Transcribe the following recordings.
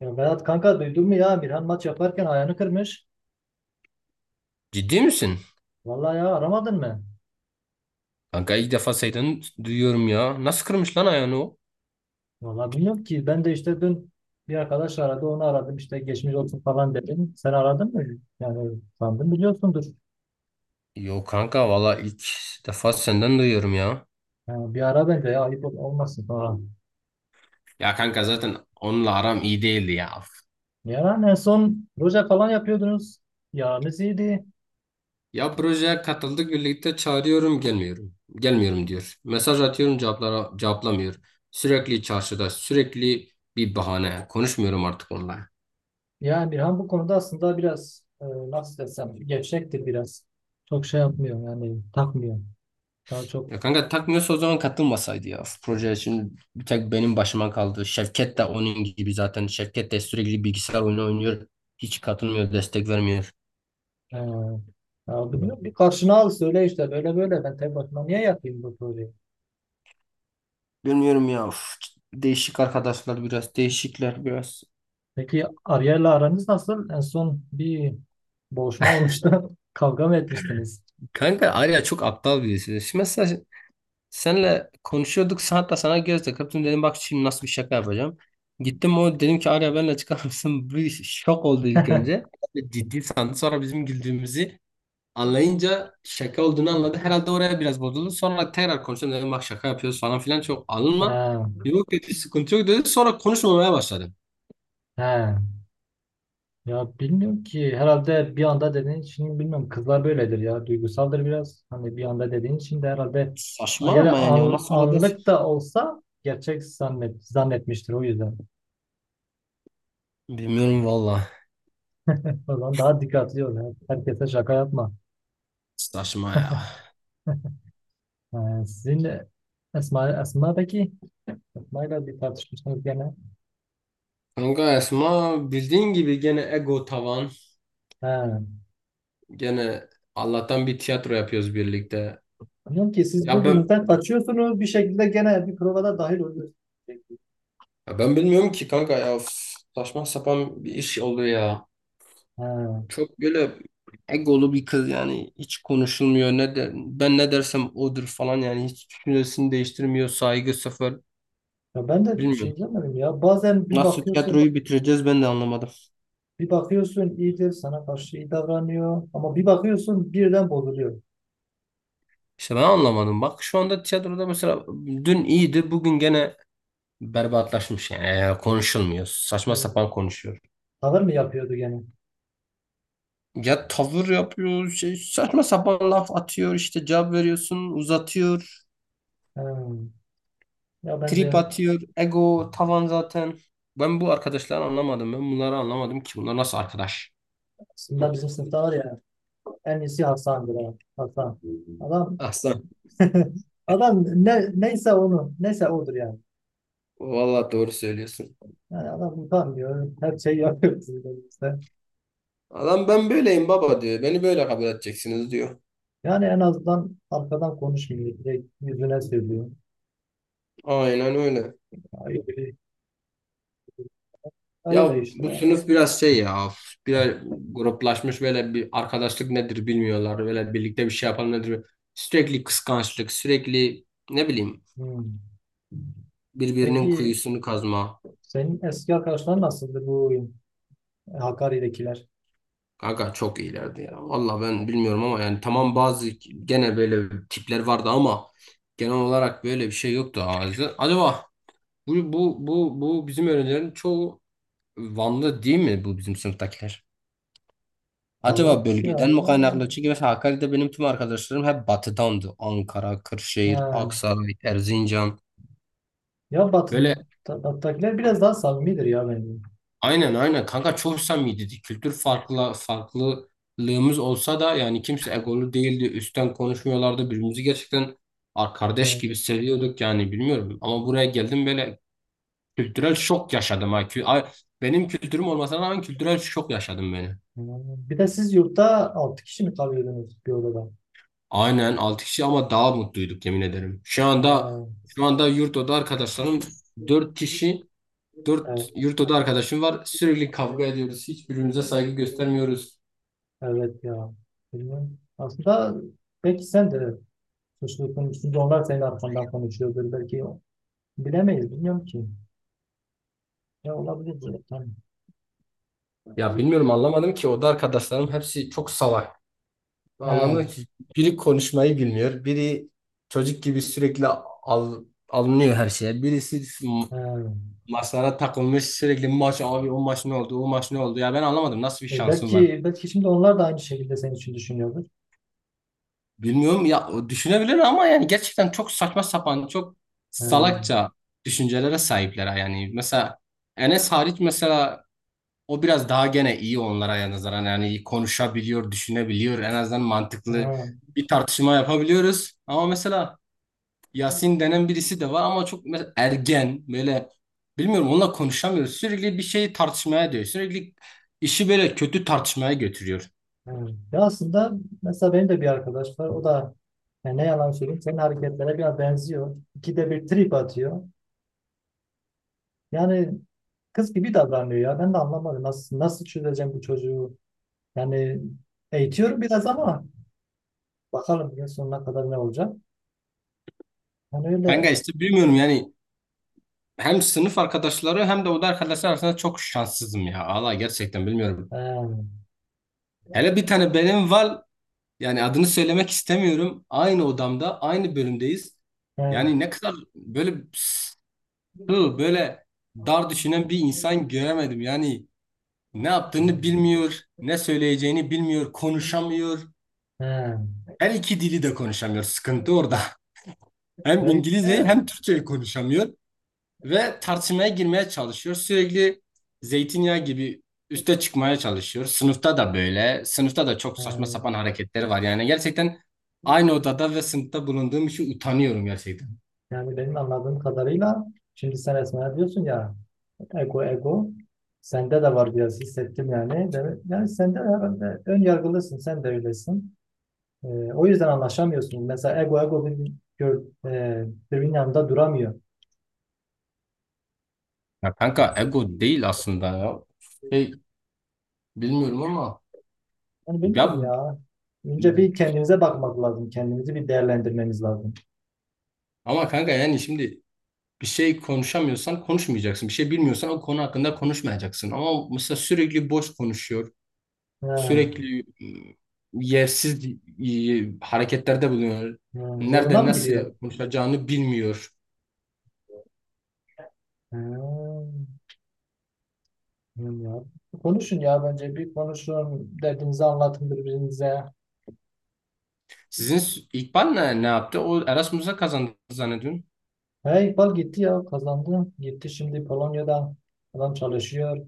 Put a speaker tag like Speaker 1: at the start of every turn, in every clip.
Speaker 1: Ya Berat kanka, duydun mu, ya Birhan maç yaparken ayağını kırmış.
Speaker 2: Ciddi misin?
Speaker 1: Vallahi ya, aramadın mı?
Speaker 2: Kanka ilk defa senden duyuyorum ya. Nasıl kırmış lan ayağını o?
Speaker 1: Vallahi bilmiyorum ki, ben de işte dün bir arkadaş aradı, onu aradım, işte geçmiş olsun falan dedim. Sen aradın mı? Yani sandım biliyorsundur.
Speaker 2: Yok kanka valla ilk defa senden duyuyorum ya.
Speaker 1: Yani bir ara bence ya, ayıp olmasın sonra.
Speaker 2: Ya kanka zaten onunla aram iyi değildi ya.
Speaker 1: Yani en son proje falan yapıyordunuz. Yaranız iyiydi.
Speaker 2: Ya projeye katıldık birlikte çağırıyorum gelmiyorum. Gelmiyorum diyor. Mesaj atıyorum cevaplara cevaplamıyor. Sürekli çarşıda, bir bahane. Konuşmuyorum artık onunla.
Speaker 1: Yani Birhan bu konuda aslında biraz nasıl desem gevşektir biraz. Çok şey yapmıyor yani, takmıyor. Daha çok.
Speaker 2: Ya kanka takmıyorsa o zaman katılmasaydı ya. Proje şimdi bir tek benim başıma kaldı. Şevket de onun gibi zaten. Şevket de sürekli bilgisayar oyunu oynuyor. Hiç katılmıyor, destek vermiyor.
Speaker 1: Ee, Ya bilmiyorum, bir karşına al söyle, işte böyle böyle, ben tek başıma niye yapayım bu soruyu?
Speaker 2: Bilmiyorum ya. Değişik arkadaşlar biraz, değişikler biraz.
Speaker 1: Peki Ariel'le aranız nasıl? En son bir boğuşma olmuştu. Kavga mı etmiştiniz?
Speaker 2: Kanka Arya çok aptal birisi. Şimdi mesela senle konuşuyorduk. Hatta sana göz takıp dedim bak şimdi nasıl bir şaka yapacağım. Gittim o dedim ki Arya benimle çıkar mısın? Bir şok oldu ilk önce. Ciddi sandı sonra bizim güldüğümüzü. Anlayınca şaka olduğunu anladı. Herhalde oraya biraz bozuldu. Sonra tekrar konuştum dedim bak şaka yapıyoruz falan filan çok
Speaker 1: He,
Speaker 2: alınma. Yok dedi sıkıntı yok dedi. Sonra konuşmamaya başladım.
Speaker 1: he. Ya bilmiyorum ki, herhalde bir anda dediğin için, bilmiyorum, kızlar böyledir ya, duygusaldır biraz. Hani bir anda dediğin için de herhalde,
Speaker 2: Saçma
Speaker 1: ya da
Speaker 2: ama yani ona sonra da
Speaker 1: anlık da olsa gerçek zannetmiştir, o yüzden.
Speaker 2: bilmiyorum valla.
Speaker 1: O zaman daha dikkatli ol. Herkese şaka yapma.
Speaker 2: Saçma ya.
Speaker 1: Ha, sizinle Esma, Esma'daki Esma'yla bir tartışmışsınız gene.
Speaker 2: Kanka Esma bildiğin gibi gene ego tavan.
Speaker 1: Ha.
Speaker 2: Gene Allah'tan bir tiyatro yapıyoruz birlikte.
Speaker 1: Diyorum ki siz
Speaker 2: Ya ben
Speaker 1: birbirinizden kaçıyorsunuz, bir şekilde gene bir provada dahil oluyorsunuz.
Speaker 2: ya ben bilmiyorum ki kanka ya. Üf, saçma sapan bir iş oldu ya.
Speaker 1: Ha.
Speaker 2: Çok böyle egolu bir kız yani hiç konuşulmuyor ne der, ben ne dersem odur falan yani hiç düşüncesini değiştirmiyor, saygı sıfır,
Speaker 1: Ya ben de
Speaker 2: bilmiyorum.
Speaker 1: çözemedim ya. Bazen bir
Speaker 2: Nasıl
Speaker 1: bakıyorsun,
Speaker 2: tiyatroyu bitireceğiz ben de anlamadım.
Speaker 1: bir bakıyorsun iyidir, sana karşı iyi davranıyor, ama bir bakıyorsun birden bozuluyor.
Speaker 2: İşte ben anlamadım. Bak şu anda tiyatroda mesela dün iyiydi bugün gene berbatlaşmış yani, yani konuşulmuyor. Saçma
Speaker 1: Hı.
Speaker 2: sapan konuşuyor.
Speaker 1: Tavır mı yapıyordu gene?
Speaker 2: Ya tavır yapıyor şey, saçma sapan laf atıyor işte cevap veriyorsun uzatıyor.
Speaker 1: Ha. Ya
Speaker 2: Trip
Speaker 1: bence
Speaker 2: atıyor. Ego tavan zaten. Ben bu arkadaşları anlamadım. Ben bunları anlamadım ki. Bunlar nasıl arkadaş?
Speaker 1: aslında bizim sınıfta var ya, en iyisi Hasan'dır. Ha. Hasan. Adam...
Speaker 2: Aslan.
Speaker 1: Adam ne, neyse onu neyse odur yani.
Speaker 2: Vallahi doğru söylüyorsun.
Speaker 1: Yani adam utanmıyor. Her şeyi yapıyor bizim elimizde.
Speaker 2: Adam ben böyleyim baba diyor. Beni böyle kabul edeceksiniz diyor.
Speaker 1: Yani en azından arkadan konuşmuyor. Direkt yüzüne söylüyor.
Speaker 2: Aynen öyle.
Speaker 1: Öyle, öyle
Speaker 2: Ya
Speaker 1: işte
Speaker 2: bu
Speaker 1: ya.
Speaker 2: sınıf biraz şey ya. Biraz gruplaşmış böyle, bir arkadaşlık nedir bilmiyorlar. Böyle birlikte bir şey yapalım nedir. Sürekli kıskançlık, sürekli ne bileyim
Speaker 1: Hmm.
Speaker 2: birbirinin
Speaker 1: Peki
Speaker 2: kuyusunu kazma.
Speaker 1: senin eski arkadaşların nasıldı, bu Hakkari'dekiler?
Speaker 2: Kanka çok iyilerdi ya. Valla ben bilmiyorum ama yani tamam
Speaker 1: Hmm.
Speaker 2: bazı gene böyle tipler vardı ama genel olarak böyle bir şey yoktu ağzı. Acaba bu bizim öğrencilerin çoğu Vanlı değil mi, bu bizim sınıftakiler? Acaba
Speaker 1: Vallahi bir
Speaker 2: bölgeden mi
Speaker 1: ara...
Speaker 2: kaynaklı? Çünkü mesela Hakkari'de benim tüm arkadaşlarım hep batıdandı. Ankara, Kırşehir,
Speaker 1: Ha.
Speaker 2: Aksaray, Erzincan.
Speaker 1: Ya Batı,
Speaker 2: Böyle
Speaker 1: Batı'dakiler biraz daha samimidir ya bence.
Speaker 2: aynen aynen kanka çok samimiydi. Kültür farklı farklılığımız olsa da yani kimse egolu değildi. Üstten konuşmuyorlardı. Birbirimizi gerçekten kardeş
Speaker 1: Hmm.
Speaker 2: gibi seviyorduk yani bilmiyorum. Ama buraya geldim böyle kültürel şok yaşadım. Ha. Benim kültürüm olmasına rağmen kültürel şok yaşadım beni.
Speaker 1: Hmm. Bir de siz yurtta 6 kişi mi kalıyordunuz bir odada?
Speaker 2: Aynen 6 kişi ama daha mutluyduk yemin ederim. Şu anda
Speaker 1: Ha.
Speaker 2: şu anda yurt oda arkadaşlarım 4 kişi, 4 yurt oda arkadaşım var. Sürekli kavga
Speaker 1: Evet.
Speaker 2: ediyoruz. Hiçbirimize saygı göstermiyoruz.
Speaker 1: Evet ya. Bilmiyorum. Aslında belki sen de suçlu konuştun da, onlar senin arkandan konuşuyordur. Belki bilemeyiz. Bilmiyorum ki. Ya olabilir böyle. Tamam.
Speaker 2: Ya bilmiyorum anlamadım ki oda arkadaşlarım hepsi çok salak.
Speaker 1: He,
Speaker 2: Anlamadım ki biri konuşmayı bilmiyor. Biri çocuk gibi sürekli alınıyor her şeye. Birisi
Speaker 1: he.
Speaker 2: maçlara takılmış sürekli maç abi o maç ne oldu o maç ne oldu. Ya ben anlamadım nasıl bir
Speaker 1: E,
Speaker 2: şansım var.
Speaker 1: belki şimdi onlar da aynı şekilde senin için düşünüyordur.
Speaker 2: Bilmiyorum ya o düşünebilir ama yani gerçekten çok saçma sapan çok
Speaker 1: He,
Speaker 2: salakça düşüncelere sahipler yani. Mesela Enes hariç. O biraz daha gene iyi onlara nazaran yani konuşabiliyor, düşünebiliyor. En azından mantıklı
Speaker 1: he,
Speaker 2: bir tartışma yapabiliyoruz. Ama mesela Yasin denen birisi de var ama çok mesela ergen böyle, bilmiyorum onunla konuşamıyoruz. Sürekli bir şeyi tartışmaya diyor. Sürekli işi böyle kötü tartışmaya götürüyor.
Speaker 1: he. Ya aslında mesela benim de bir arkadaş var. O da yani, ne yalan söyleyeyim, senin hareketlere biraz benziyor. İkide bir trip atıyor. Yani kız gibi davranıyor ya. Ben de anlamadım. Nasıl çözeceğim bu çocuğu? Yani eğitiyorum biraz ama bakalım yıl sonuna kadar ne olacak. Yani
Speaker 2: Ben
Speaker 1: öyle.
Speaker 2: gayet gerçekten bilmiyorum yani hem sınıf arkadaşları hem de oda arkadaşlar arasında çok şanssızım ya. Allah gerçekten bilmiyorum.
Speaker 1: He,
Speaker 2: Hele bir tane benim var, yani adını söylemek istemiyorum. Aynı odamda, aynı bölümdeyiz.
Speaker 1: he,
Speaker 2: Yani ne kadar böyle sığ, böyle dar düşünen bir insan göremedim. Yani ne yaptığını bilmiyor, ne söyleyeceğini bilmiyor, konuşamıyor.
Speaker 1: he.
Speaker 2: Her iki dili de konuşamıyor. Sıkıntı orada. Hem
Speaker 1: Böyle.
Speaker 2: İngilizceyi
Speaker 1: He.
Speaker 2: hem Türkçeyi konuşamıyor. Ve tartışmaya girmeye çalışıyor. Sürekli zeytinyağı gibi üste çıkmaya çalışıyor. Sınıfta da böyle. Sınıfta da çok saçma sapan hareketleri var. Yani gerçekten aynı odada ve sınıfta bulunduğum için utanıyorum gerçekten.
Speaker 1: Yani benim anladığım kadarıyla, şimdi sen Esma'ya diyorsun ya ego ego, sende de var biraz, hissettim yani. Yani sen de herhalde ön yargılısın, sen de öylesin. Ee, O yüzden anlaşamıyorsun. Mesela ego ego bir, birbirinin yanında duramıyor.
Speaker 2: Ya kanka ego değil aslında ya. Şey, bilmiyorum ama
Speaker 1: Yani bilmiyorum
Speaker 2: ya
Speaker 1: ya. Önce bir kendimize bakmak lazım. Kendimizi bir değerlendirmemiz lazım.
Speaker 2: ama kanka yani şimdi bir şey konuşamıyorsan konuşmayacaksın. Bir şey bilmiyorsan o konu hakkında konuşmayacaksın. Ama mesela sürekli boş konuşuyor.
Speaker 1: Ha,
Speaker 2: Sürekli yersiz hareketlerde bulunuyor.
Speaker 1: ha, zoruna
Speaker 2: Nerede
Speaker 1: mı
Speaker 2: nasıl
Speaker 1: gidiyor?
Speaker 2: konuşacağını bilmiyor.
Speaker 1: Ha, bilmiyorum ya. Konuşun ya bence. Bir konuşun. Derdinizi anlatın birbirinize.
Speaker 2: İkbal ne yaptı? O Erasmus'a kazandı zannediyorum.
Speaker 1: Hey, İkbal gitti ya. Kazandı. Gitti şimdi Polonya'da. Adam çalışıyor.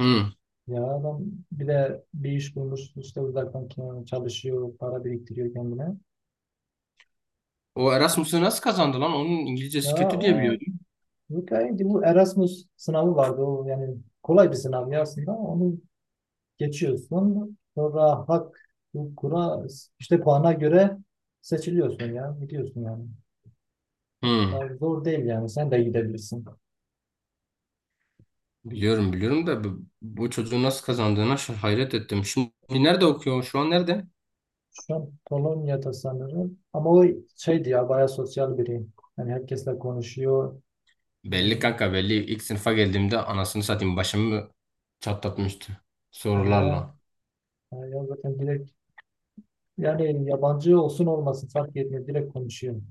Speaker 2: Hı.
Speaker 1: Ya adam bir de bir iş bulmuş. İşte uzaktan çalışıyor. Para biriktiriyor kendine.
Speaker 2: O Erasmus'u nasıl kazandı lan? Onun
Speaker 1: Ya
Speaker 2: İngilizcesi kötü diye
Speaker 1: o,
Speaker 2: biliyordum.
Speaker 1: bu bu Erasmus sınavı vardı. O yani kolay bir sınav ya aslında. Onu geçiyorsun. Sonra hak hukukuna, işte puana göre seçiliyorsun ya. Gidiyorsun yani.
Speaker 2: Hı.
Speaker 1: Daha zor değil yani. Sen de gidebilirsin.
Speaker 2: Biliyorum biliyorum da bu çocuğun nasıl kazandığına hayret ettim. Şimdi nerede okuyor? Şu an nerede?
Speaker 1: Şu an Polonya'da sanırım. Ama o şeydi ya, bayağı sosyal biri. Yani herkesle konuşuyor.
Speaker 2: Belli
Speaker 1: Yani,
Speaker 2: kanka belli. İlk sınıfa geldiğimde anasını satayım başımı çatlatmıştı
Speaker 1: ee,
Speaker 2: sorularla.
Speaker 1: ya zaten direkt, yani yabancı olsun olmasın fark etmiyor. Direkt konuşuyor.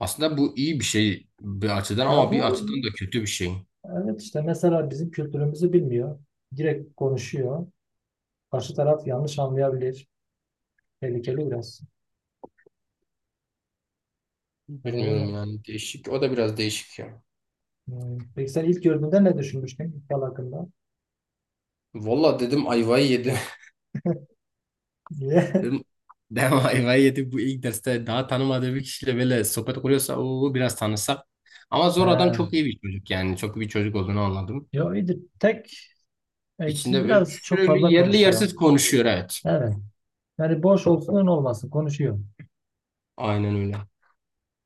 Speaker 2: Aslında bu iyi bir şey bir açıdan
Speaker 1: Ya
Speaker 2: ama bir
Speaker 1: bu,
Speaker 2: açıdan da kötü bir şey.
Speaker 1: evet, işte mesela bizim kültürümüzü bilmiyor. Direkt konuşuyor. Karşı taraf yanlış anlayabilir. Tehlikeli biraz. Yani öyle.
Speaker 2: Bilmiyorum yani değişik. O da biraz değişik ya.
Speaker 1: Hmm. Peki sen ilk gördüğünde ne düşünmüştün ilk yıl hakkında?
Speaker 2: Valla dedim ayvayı yedi.
Speaker 1: Niye?
Speaker 2: Dedim dedim ayvayı yedi bu ilk derste daha tanımadığı bir kişiyle böyle sohbet kuruyorsa o biraz tanısak. Ama zor adam
Speaker 1: Ha.
Speaker 2: çok iyi bir çocuk yani. Çok iyi bir çocuk olduğunu anladım.
Speaker 1: Yo, iyidir. Tek eksiği
Speaker 2: İçinde böyle
Speaker 1: biraz çok
Speaker 2: sürekli
Speaker 1: fazla
Speaker 2: yerli
Speaker 1: konuşuyor.
Speaker 2: yersiz konuşuyor evet.
Speaker 1: Evet. Yani boş olsun olmasın konuşuyor.
Speaker 2: Aynen öyle.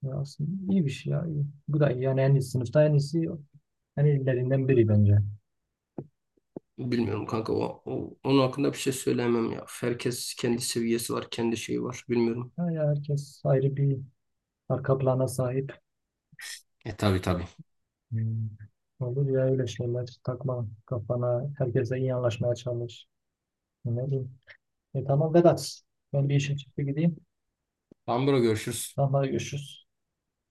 Speaker 1: Ya aslında iyi bir şey ya. İyi. Bu da iyi. Yani en iyi, sınıfta en iyilerinden biri bence.
Speaker 2: Bilmiyorum kanka onun hakkında bir şey söyleyemem ya. Herkes kendi seviyesi var, kendi şeyi var. Bilmiyorum.
Speaker 1: Ha ya, herkes ayrı bir arka plana sahip.
Speaker 2: E tabii tabii.
Speaker 1: Hmm. Olur ya öyle şeyler, takma kafana. Herkese iyi anlaşmaya çalış. Ne bileyim. E, tamam Vedat. Ben bir işe çıktı, gideyim.
Speaker 2: Tamam bro görüşürüz.
Speaker 1: Tamam, hadi görüşürüz.